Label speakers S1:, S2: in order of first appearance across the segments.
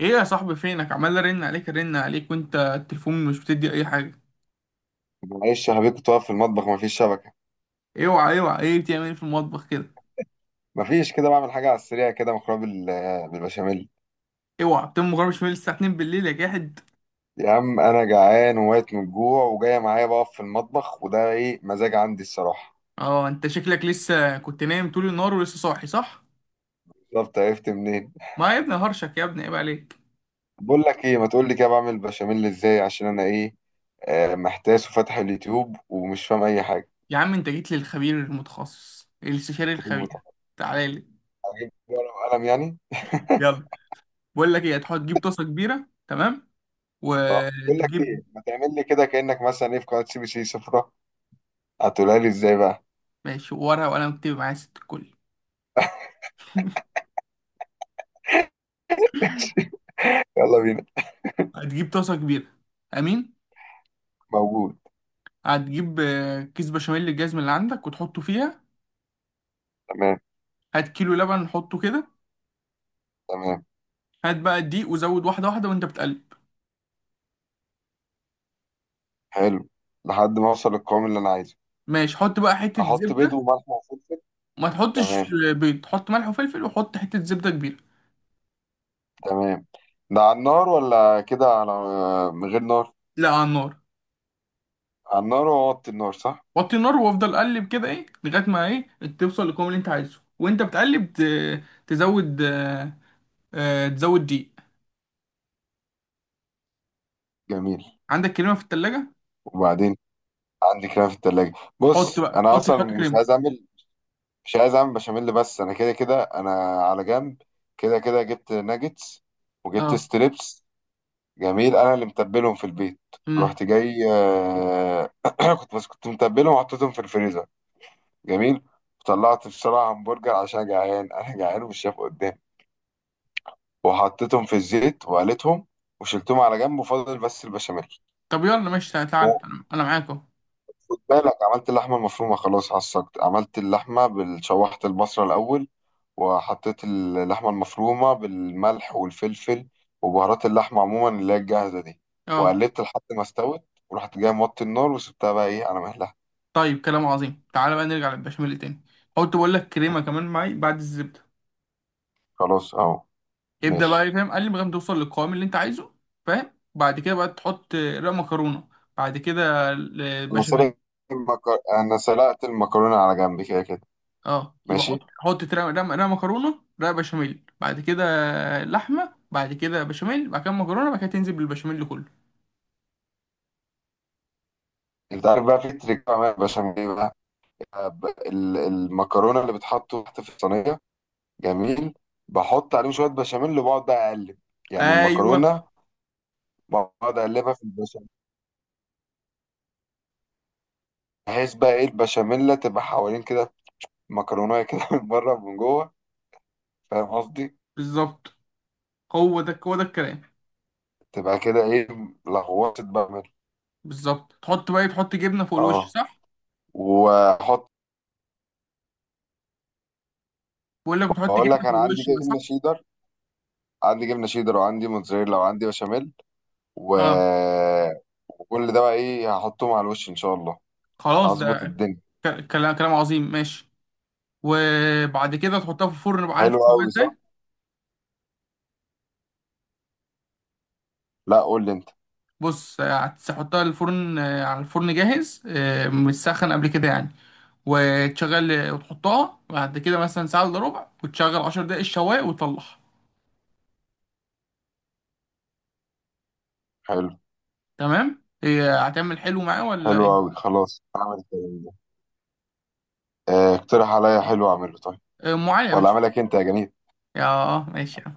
S1: ايه يا صاحبي، فينك؟ عمال ارن عليك ارن عليك وانت التليفون مش بتدي اي حاجه.
S2: معلش يا حبيبي، كنت واقف في المطبخ مفيش شبكة.
S1: اوعى اوعى، ايه بتعمل ايه في المطبخ كده؟
S2: مفيش، كده بعمل حاجة على السريع كده، مكرونة بالبشاميل.
S1: اوعى بتقوم مغربش من الساعه 2 بالليل يا جاحد.
S2: يا عم أنا جعان وميت من الجوع، وجاية معايا بقف في المطبخ، وده إيه مزاج عندي الصراحة.
S1: اه، انت شكلك لسه كنت نايم طول النهار ولسه صاحي، صح؟
S2: بالظبط، عرفت منين؟
S1: ما يا ابني هرشك يا ابني، عيب عليك.
S2: بقول لك إيه، ما تقول لي كده بعمل بشاميل إزاي، عشان أنا إيه، محتاس وفاتح اليوتيوب ومش فاهم أي حاجة.
S1: يا عم انت جيت للخبير المتخصص الاستشاري
S2: أجيب
S1: الخبير.
S2: ورقة
S1: تعالى لي.
S2: وقلم يعني؟
S1: يلا. بقول لك ايه، هتحط تجيب طاسه كبيره. تمام،
S2: بقول لك
S1: وتجيب
S2: إيه، ما تعمل لي كده كأنك مثلا إيه في قناة سي بي سي سفرة. هتقولها لي إزاي بقى؟
S1: ماشي ورقه وقلم، اكتب معايا ست الكل.
S2: يلا بينا.
S1: هتجيب طاسه كبيره. امين.
S2: موجود.
S1: هتجيب كيس بشاميل الجزم اللي عندك وتحطه فيها.
S2: تمام.
S1: هات كيلو لبن حطه كده.
S2: تمام.
S1: هات بقى الدقيق وزود واحدة واحدة وانت بتقلب.
S2: حلو. لحد ما اوصل للقوام اللي انا عايزه.
S1: ماشي، حط بقى حتة
S2: احط بيض
S1: زبدة.
S2: وملح وفلفل.
S1: ما تحطش
S2: تمام.
S1: بيض، حط ملح وفلفل وحط حتة زبدة كبيرة.
S2: تمام. ده على النار ولا كده على؟ من غير نار.
S1: لا، على النار.
S2: على النار واوطي النار، صح؟
S1: وطي النار وافضل قلب كده ايه لغاية ما ايه توصل للقوام اللي انت عايزه، وانت بتقلب تزود تزود دقيق.
S2: جميل.
S1: عندك كريمة في التلاجة؟
S2: وبعدين عندي كلام في التلاجة.
S1: حط
S2: بص
S1: بقى،
S2: انا
S1: حط
S2: اصلا
S1: حط
S2: مش
S1: كريمة.
S2: عايز اعمل، مش عايز اعمل بشاميل، بس انا كده كده انا على جنب. كده كده جبت ناجتس وجبت
S1: اه.
S2: ستريبس. جميل، انا اللي متبلهم في البيت.
S1: امم.
S2: رحت جاي كنت متبلهم وحطيتهم في الفريزر. جميل. طلعت في شارع همبرجر عشان جعان، انا جعان ومش شايف قدامي، وحطيتهم في الزيت وقليتهم وشلتهم على جنب وفضل بس البشاميل.
S1: طب يلا ماشي، تعال تعال.
S2: وخد
S1: انا معاك اهو.
S2: بالك عملت اللحمه المفرومه، خلاص عصقت، عملت اللحمه شوحت البصله الاول وحطيت اللحمه المفرومه بالملح والفلفل وبهارات اللحمه عموما اللي هي الجاهزه دي،
S1: اه.
S2: وقلبت لحد ما استوت. ورحت جاي موطي النار وسبتها بقى ايه على مهلها.
S1: طيب كلام عظيم، تعالى بقى نرجع للبشاميل تاني. قلت بقول لك كريمه كمان معي بعد الزبده.
S2: خلاص اهو.
S1: ابدا
S2: ماشي.
S1: بقى، فاهم؟ قال لي لغايه ما توصل للقوام اللي انت عايزه. فاهم، بعد كده بقى تحط رق مكرونه. بعد كده
S2: انا
S1: البشاميل.
S2: سلقت انا سلقت المكرونه على جنب كده كده.
S1: اه، يبقى حط
S2: ماشي.
S1: حط رق مكرونه، رق بشاميل بعد كده، لحمه بعد كده، بشاميل بعد كده، مكرونه، بعد كده تنزل بالبشاميل كله.
S2: انت عارف بقى في تريك بعملها بشاميل ايه بقى، المكرونه اللي بتحط تحت في الصينيه. جميل. بحط عليهم شويه بشاميل وبقعد بقى اقلب، يعني
S1: ايوه.
S2: المكرونه، بقعد اقلبها في البشاميل، بحيث بقى ايه البشاميل تبقى حوالين كده مكرونه كده من بره ومن جوه. فاهم قصدي؟
S1: بالظبط، هو ده هو ده الكلام.
S2: تبقى كده ايه، لغوصه بشاميل.
S1: بالظبط، تحط بقى تحط جبنه فوق الوش،
S2: اه،
S1: صح؟
S2: واحط.
S1: بقول لك بتحط
S2: بقول
S1: جبنه
S2: لك
S1: فوق
S2: انا عندي
S1: الوش بقى، صح؟
S2: جبنه شيدر. عندي جبنه شيدر وعندي موتزاريلا وعندي بشاميل و...
S1: اه.
S2: وكل ده بقى ايه، هحطهم على الوش ان شاء الله.
S1: خلاص
S2: هظبط
S1: ده
S2: الدنيا.
S1: كلام عظيم، ماشي. وبعد كده تحطها في الفرن بقى، عارف
S2: حلو
S1: تسويها
S2: قوي، صح؟
S1: ازاي؟
S2: لا، قول لي انت.
S1: بص، هتحطها الفرن، على الفرن جاهز متسخن قبل كده يعني، وتشغل وتحطها بعد كده مثلا ساعة الا ربع، وتشغل 10 دقايق الشواية وتطلعها.
S2: حلو.
S1: تمام، هي هتعمل حلو معاه ولا
S2: حلو قوي،
S1: ايه؟
S2: خلاص اعمل كده. اقترح عليا حلو اعمله طيب.
S1: ام علي يا
S2: ولا
S1: باشا.
S2: اعملك انت يا جميل؟
S1: يا ماشي يا عم.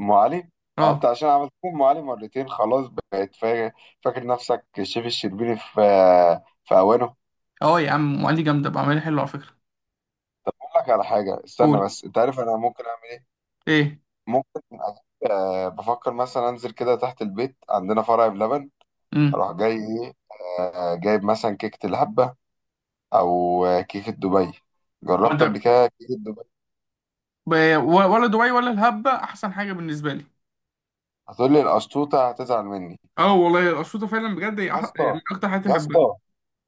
S2: ام علي. اه انت
S1: اه
S2: عشان عملت لي ام علي مرتين خلاص بقيت فاكر نفسك الشيف الشربيني في اوانه.
S1: اه، يا عم ام علي جامدة، بعملها حلو على فكرة.
S2: اقول لك على حاجه، استنى
S1: قول.
S2: بس، انت عارف انا ممكن اعمل ايه؟
S1: ايه.
S2: ممكن بفكر مثلا انزل كده تحت البيت، عندنا فرع بلبن،
S1: امم.
S2: اروح جاي ايه، جايب مثلا كيكه الهبه، او كيكه دبي. جربت
S1: وانت
S2: قبل كده كيكه دبي؟
S1: ولا دبي ولا الهبة احسن حاجة بالنسبة لي.
S2: هتقول لي القشطوطه هتزعل مني.
S1: اه والله الاسيوطه فعلا بجد هي
S2: يا اسطى،
S1: من اكتر حاجات
S2: يا
S1: اللي بحبها.
S2: اسطى،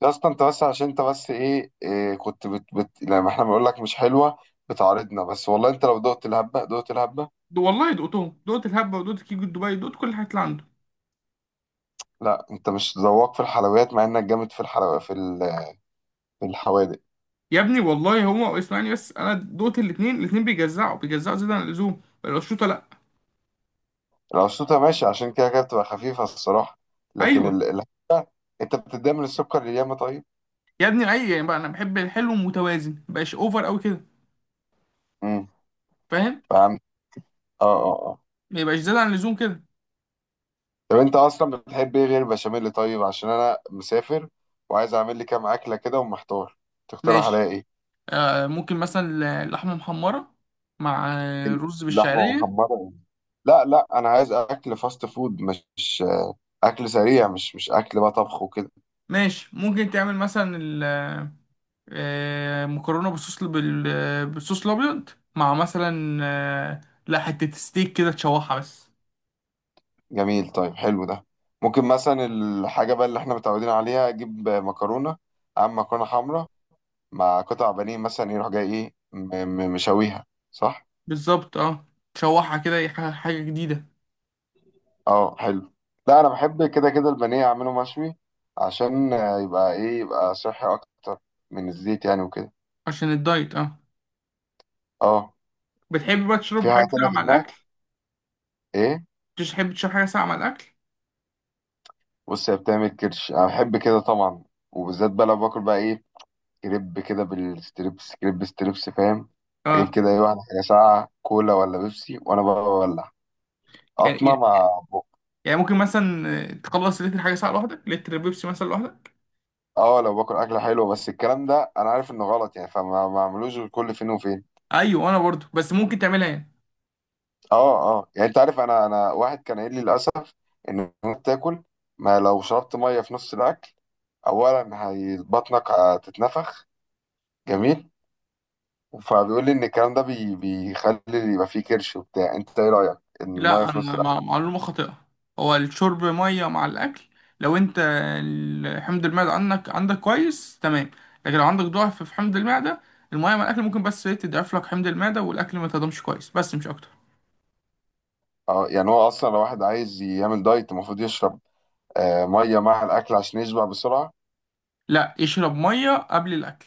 S2: يا اسطى، انت بس عشان انت بس ايه, إيه كنت بت لما احنا بنقول لك مش حلوه بتعارضنا بس، والله انت لو دقت الهبه دقت الهبه.
S1: ده والله دقتهم، دقت الهبه ودقت كيكو دبي، دقت كل الحاجات اللي عنده.
S2: لا انت مش ذواق في الحلويات، مع انك جامد في الحلويات في الحوادق.
S1: يا ابني والله هو اسمعني، بس انا دقت الاثنين الاثنين بيجزعوا بيجزعوا زياده عن اللزوم، الاسيوطه لا.
S2: القشطوطه ماشي عشان كده كده بتبقى خفيفه الصراحه، لكن
S1: ايوه
S2: انت بتتضايق من السكر اللي ياما طيب.
S1: يا ابني، اي يعني بقى انا بحب الحلو المتوازن، ما يبقاش اوفر قوي كده.
S2: امم.
S1: فاهم.
S2: فهمت. اه. اه.
S1: ما يبقاش زياده عن اللزوم كده.
S2: طب انت اصلا بتحب ايه غير البشاميل؟ طيب عشان انا مسافر وعايز اعمل لي كام اكله كده ومحتار، تقترح عليا
S1: ماشي.
S2: ايه؟
S1: ممكن مثلا لحمه محمره مع رز
S2: لحمه
S1: بالشعريه.
S2: محمره؟ لا لا، انا عايز اكل فاست فود، مش اكل سريع، مش اكل بقى طبخ وكده.
S1: ماشي ممكن تعمل مثلا مكرونه بالصوص بالصوص الابيض، مع مثلا لا حته ستيك كده تشوحها بس.
S2: جميل، طيب حلو ده. ممكن مثلا الحاجه بقى اللي احنا متعودين عليها، اجيب مكرونه، اعمل مكرونه حمراء مع قطع بانيه مثلا، يروح جاي ايه مشويها. صح.
S1: بالظبط، اه. تشوحها كده، حاجه جديده.
S2: اه حلو. لا انا بحب كده كده البانيه اعمله مشوي عشان يبقى ايه، يبقى صحي اكتر من الزيت يعني وكده.
S1: عشان الدايت، اه.
S2: اه.
S1: بتحب بقى تشرب
S2: في حاجه
S1: حاجه
S2: تانية
S1: ساقعه
S2: في
S1: مع
S2: دماغك؟
S1: الاكل؟
S2: ايه؟
S1: بتحب تشرب حاجه ساقعه مع الاكل؟
S2: بص هي بتعمل كرش، انا بحب كده طبعا، وبالذات بقى لو باكل بقى ايه كريب كده بالستريبس، كريب ستريبس فاهم، اجيب
S1: اه،
S2: كده ايه واحده حاجه ساقعه كولا ولا بيبسي، وانا بقى بولع قطمه
S1: يعني،
S2: مع بق.
S1: ممكن مثلا تخلص لتر حاجه ساقعه لوحدك، لتر بيبسي مثلا لوحدك.
S2: اه، لو باكل اكله حلوه، بس الكلام ده انا عارف انه غلط يعني، فما ما اعملوش غير كل فين وفين.
S1: ايوه انا برضو، بس ممكن تعملها يعني.
S2: اه. اه يعني انت عارف، انا واحد كان قايل لي للاسف ان انت تاكل ما، لو شربت ميه في نص الاكل، اولا هي بطنك هتتنفخ، جميل، فبيقول لي ان الكلام ده بيخلي يبقى فيه كرش وبتاع. انت ايه رايك إن الميه
S1: لا
S2: في نص
S1: انا
S2: الاكل؟
S1: مع معلومه خاطئه. هو الشرب ميه مع الاكل لو انت حمض المعده عندك كويس، تمام. لكن لو عندك ضعف في حمض المعده، الميه مع الاكل ممكن بس إيه تضعف لك حمض المعده والاكل ما تهضمش كويس، بس مش اكتر.
S2: اه يعني هو اصلا لو واحد عايز يعمل دايت المفروض يشرب ميه مع الاكل عشان يشبع بسرعه.
S1: لا، اشرب ميه قبل الاكل.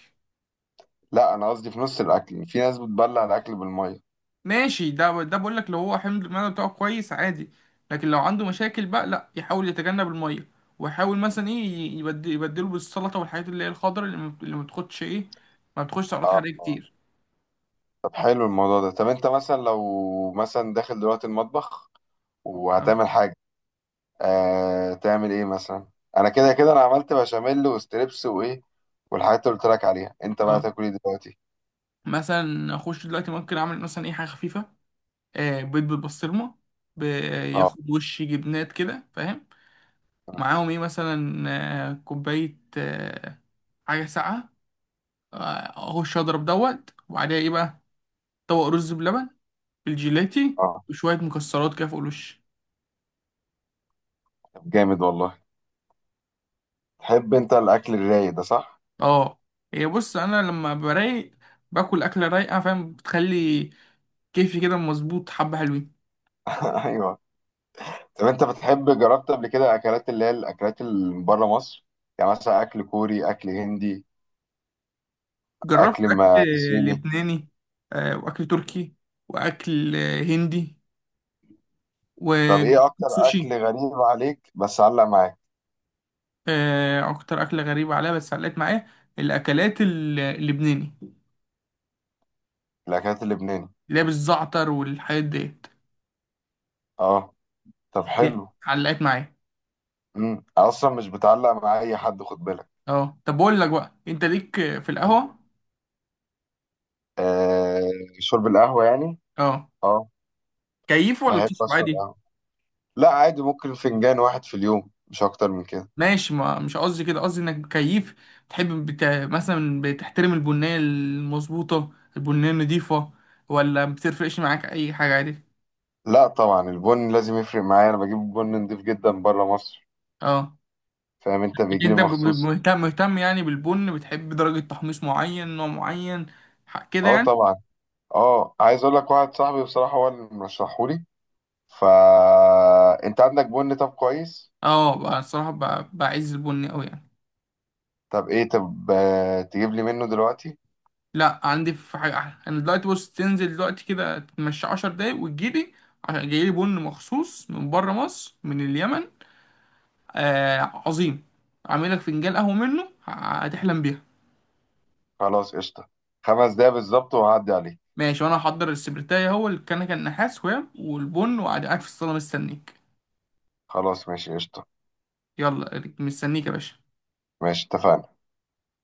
S2: لا انا قصدي في نص الاكل، في ناس بتبلع الاكل بالميه.
S1: ماشي، ده بقول لك لو هو حمض المعده بتاعه كويس عادي. لكن لو عنده مشاكل بقى لا، يحاول يتجنب الميه، ويحاول مثلا ايه يبدله بالسلطه والحاجات اللي هي الخضراء، اللي ما بتاخدش ايه، ما بتاخدش سعرات
S2: اه.
S1: حراريه كتير.
S2: طب حلو الموضوع ده. طب انت مثلا لو مثلا داخل دلوقتي المطبخ
S1: اه،
S2: وهتعمل حاجه، تعمل ايه مثلا؟ انا كده كده انا عملت بشاميل وستريبس وايه والحاجات اللي قلت لك عليها، انت بقى
S1: آه.
S2: تاكل ايه دلوقتي؟
S1: مثلا اخش دلوقتي ممكن اعمل مثلا اي حاجه خفيفه، آه، بيض بالبسطرمه، ب-
S2: اه.
S1: ياخد وش جبنات كده، فاهم؟ معاهم ايه مثلا، آه، كوبايه حاجه ساقعه، اخش اضرب دوت، وبعدها ايه بقى؟ طبق رز بلبن بالجيلاتي
S2: اه
S1: وشويه مكسرات كده فوق الوش.
S2: طب جامد والله. تحب انت الاكل الرايق ده، صح؟
S1: اه. هي بص، انا لما برايق باكل اكله رايقه، فاهم؟ بتخلي كيفي كده مظبوط، حبه حلوين.
S2: ايوه. طب انت بتحب، جربت قبل كده اكلات اللي هي الاكلات اللي من بره مصر؟ يعني مثلا اكل كوري، اكل هندي،
S1: جربت
S2: اكل
S1: أكل
S2: صيني.
S1: لبناني، وأكل تركي، وأكل هندي،
S2: طب
S1: وجربت
S2: ايه اكتر
S1: السوشي.
S2: اكل غريب عليك بس علق معاك؟
S1: أكتر أكلة غريبة عليا بس علقت معايا الأكلات اللبناني،
S2: الاكلات اللبناني.
S1: اللي هي بالزعتر والحاجات ديت،
S2: اه. طب
S1: دي
S2: حلو.
S1: علقت معايا.
S2: امم. اصلا مش بتعلق مع اي حد خد بالك.
S1: اه، طب بقول لك بقى، أنت ليك في القهوة؟
S2: آه شرب القهوة يعني؟
S1: اه،
S2: اه.
S1: كيف ولا
S2: بحب
S1: بتشرب
S2: اشرب
S1: عادي؟
S2: قهوة. لا عادي، ممكن فنجان واحد في اليوم مش اكتر من كده.
S1: ماشي، ما مش قصدي كده، قصدي إنك كيف بتحب مثلا بتحترم البنية المظبوطة، البنية النضيفة، ولا بتفرقش معاك أي حاجة عادي؟
S2: لا طبعا، البن لازم يفرق معايا، انا بجيب بن نضيف جدا بره مصر،
S1: اه،
S2: فاهم، انت
S1: لكن
S2: بيجي لي
S1: انت
S2: مخصوص.
S1: مهتم يعني بالبن، بتحب درجة تحميص معين، نوع معين كده
S2: اه
S1: يعني؟
S2: طبعا. اه عايز اقول لك، واحد صاحبي بصراحة هو اللي مرشحهولي، فا انت عندك بن طب كويس؟
S1: اه بقى الصراحة بعز البن قوي يعني.
S2: طب ايه، طب تجيب لي منه دلوقتي.
S1: لا، عندي في حاجة احلى انا دلوقتي. بص، تنزل دلوقتي كده تمشي 10 دقايق وتجيلي، عشان جايلي بن مخصوص من بره مصر من اليمن. آه، عظيم. عامل لك فنجان قهوة منه هتحلم بيها.
S2: خلاص قشطة. 5 دقايق بالظبط وهعدي عليه.
S1: ماشي، وانا هحضر السبرتاية هو الكنكة النحاس، وهي والبن، وقاعد قاعد في الصالة مستنيك.
S2: خلاص ماشي قشطة.
S1: يلا، مستنيك يا باشا.
S2: ماشي اتفقنا.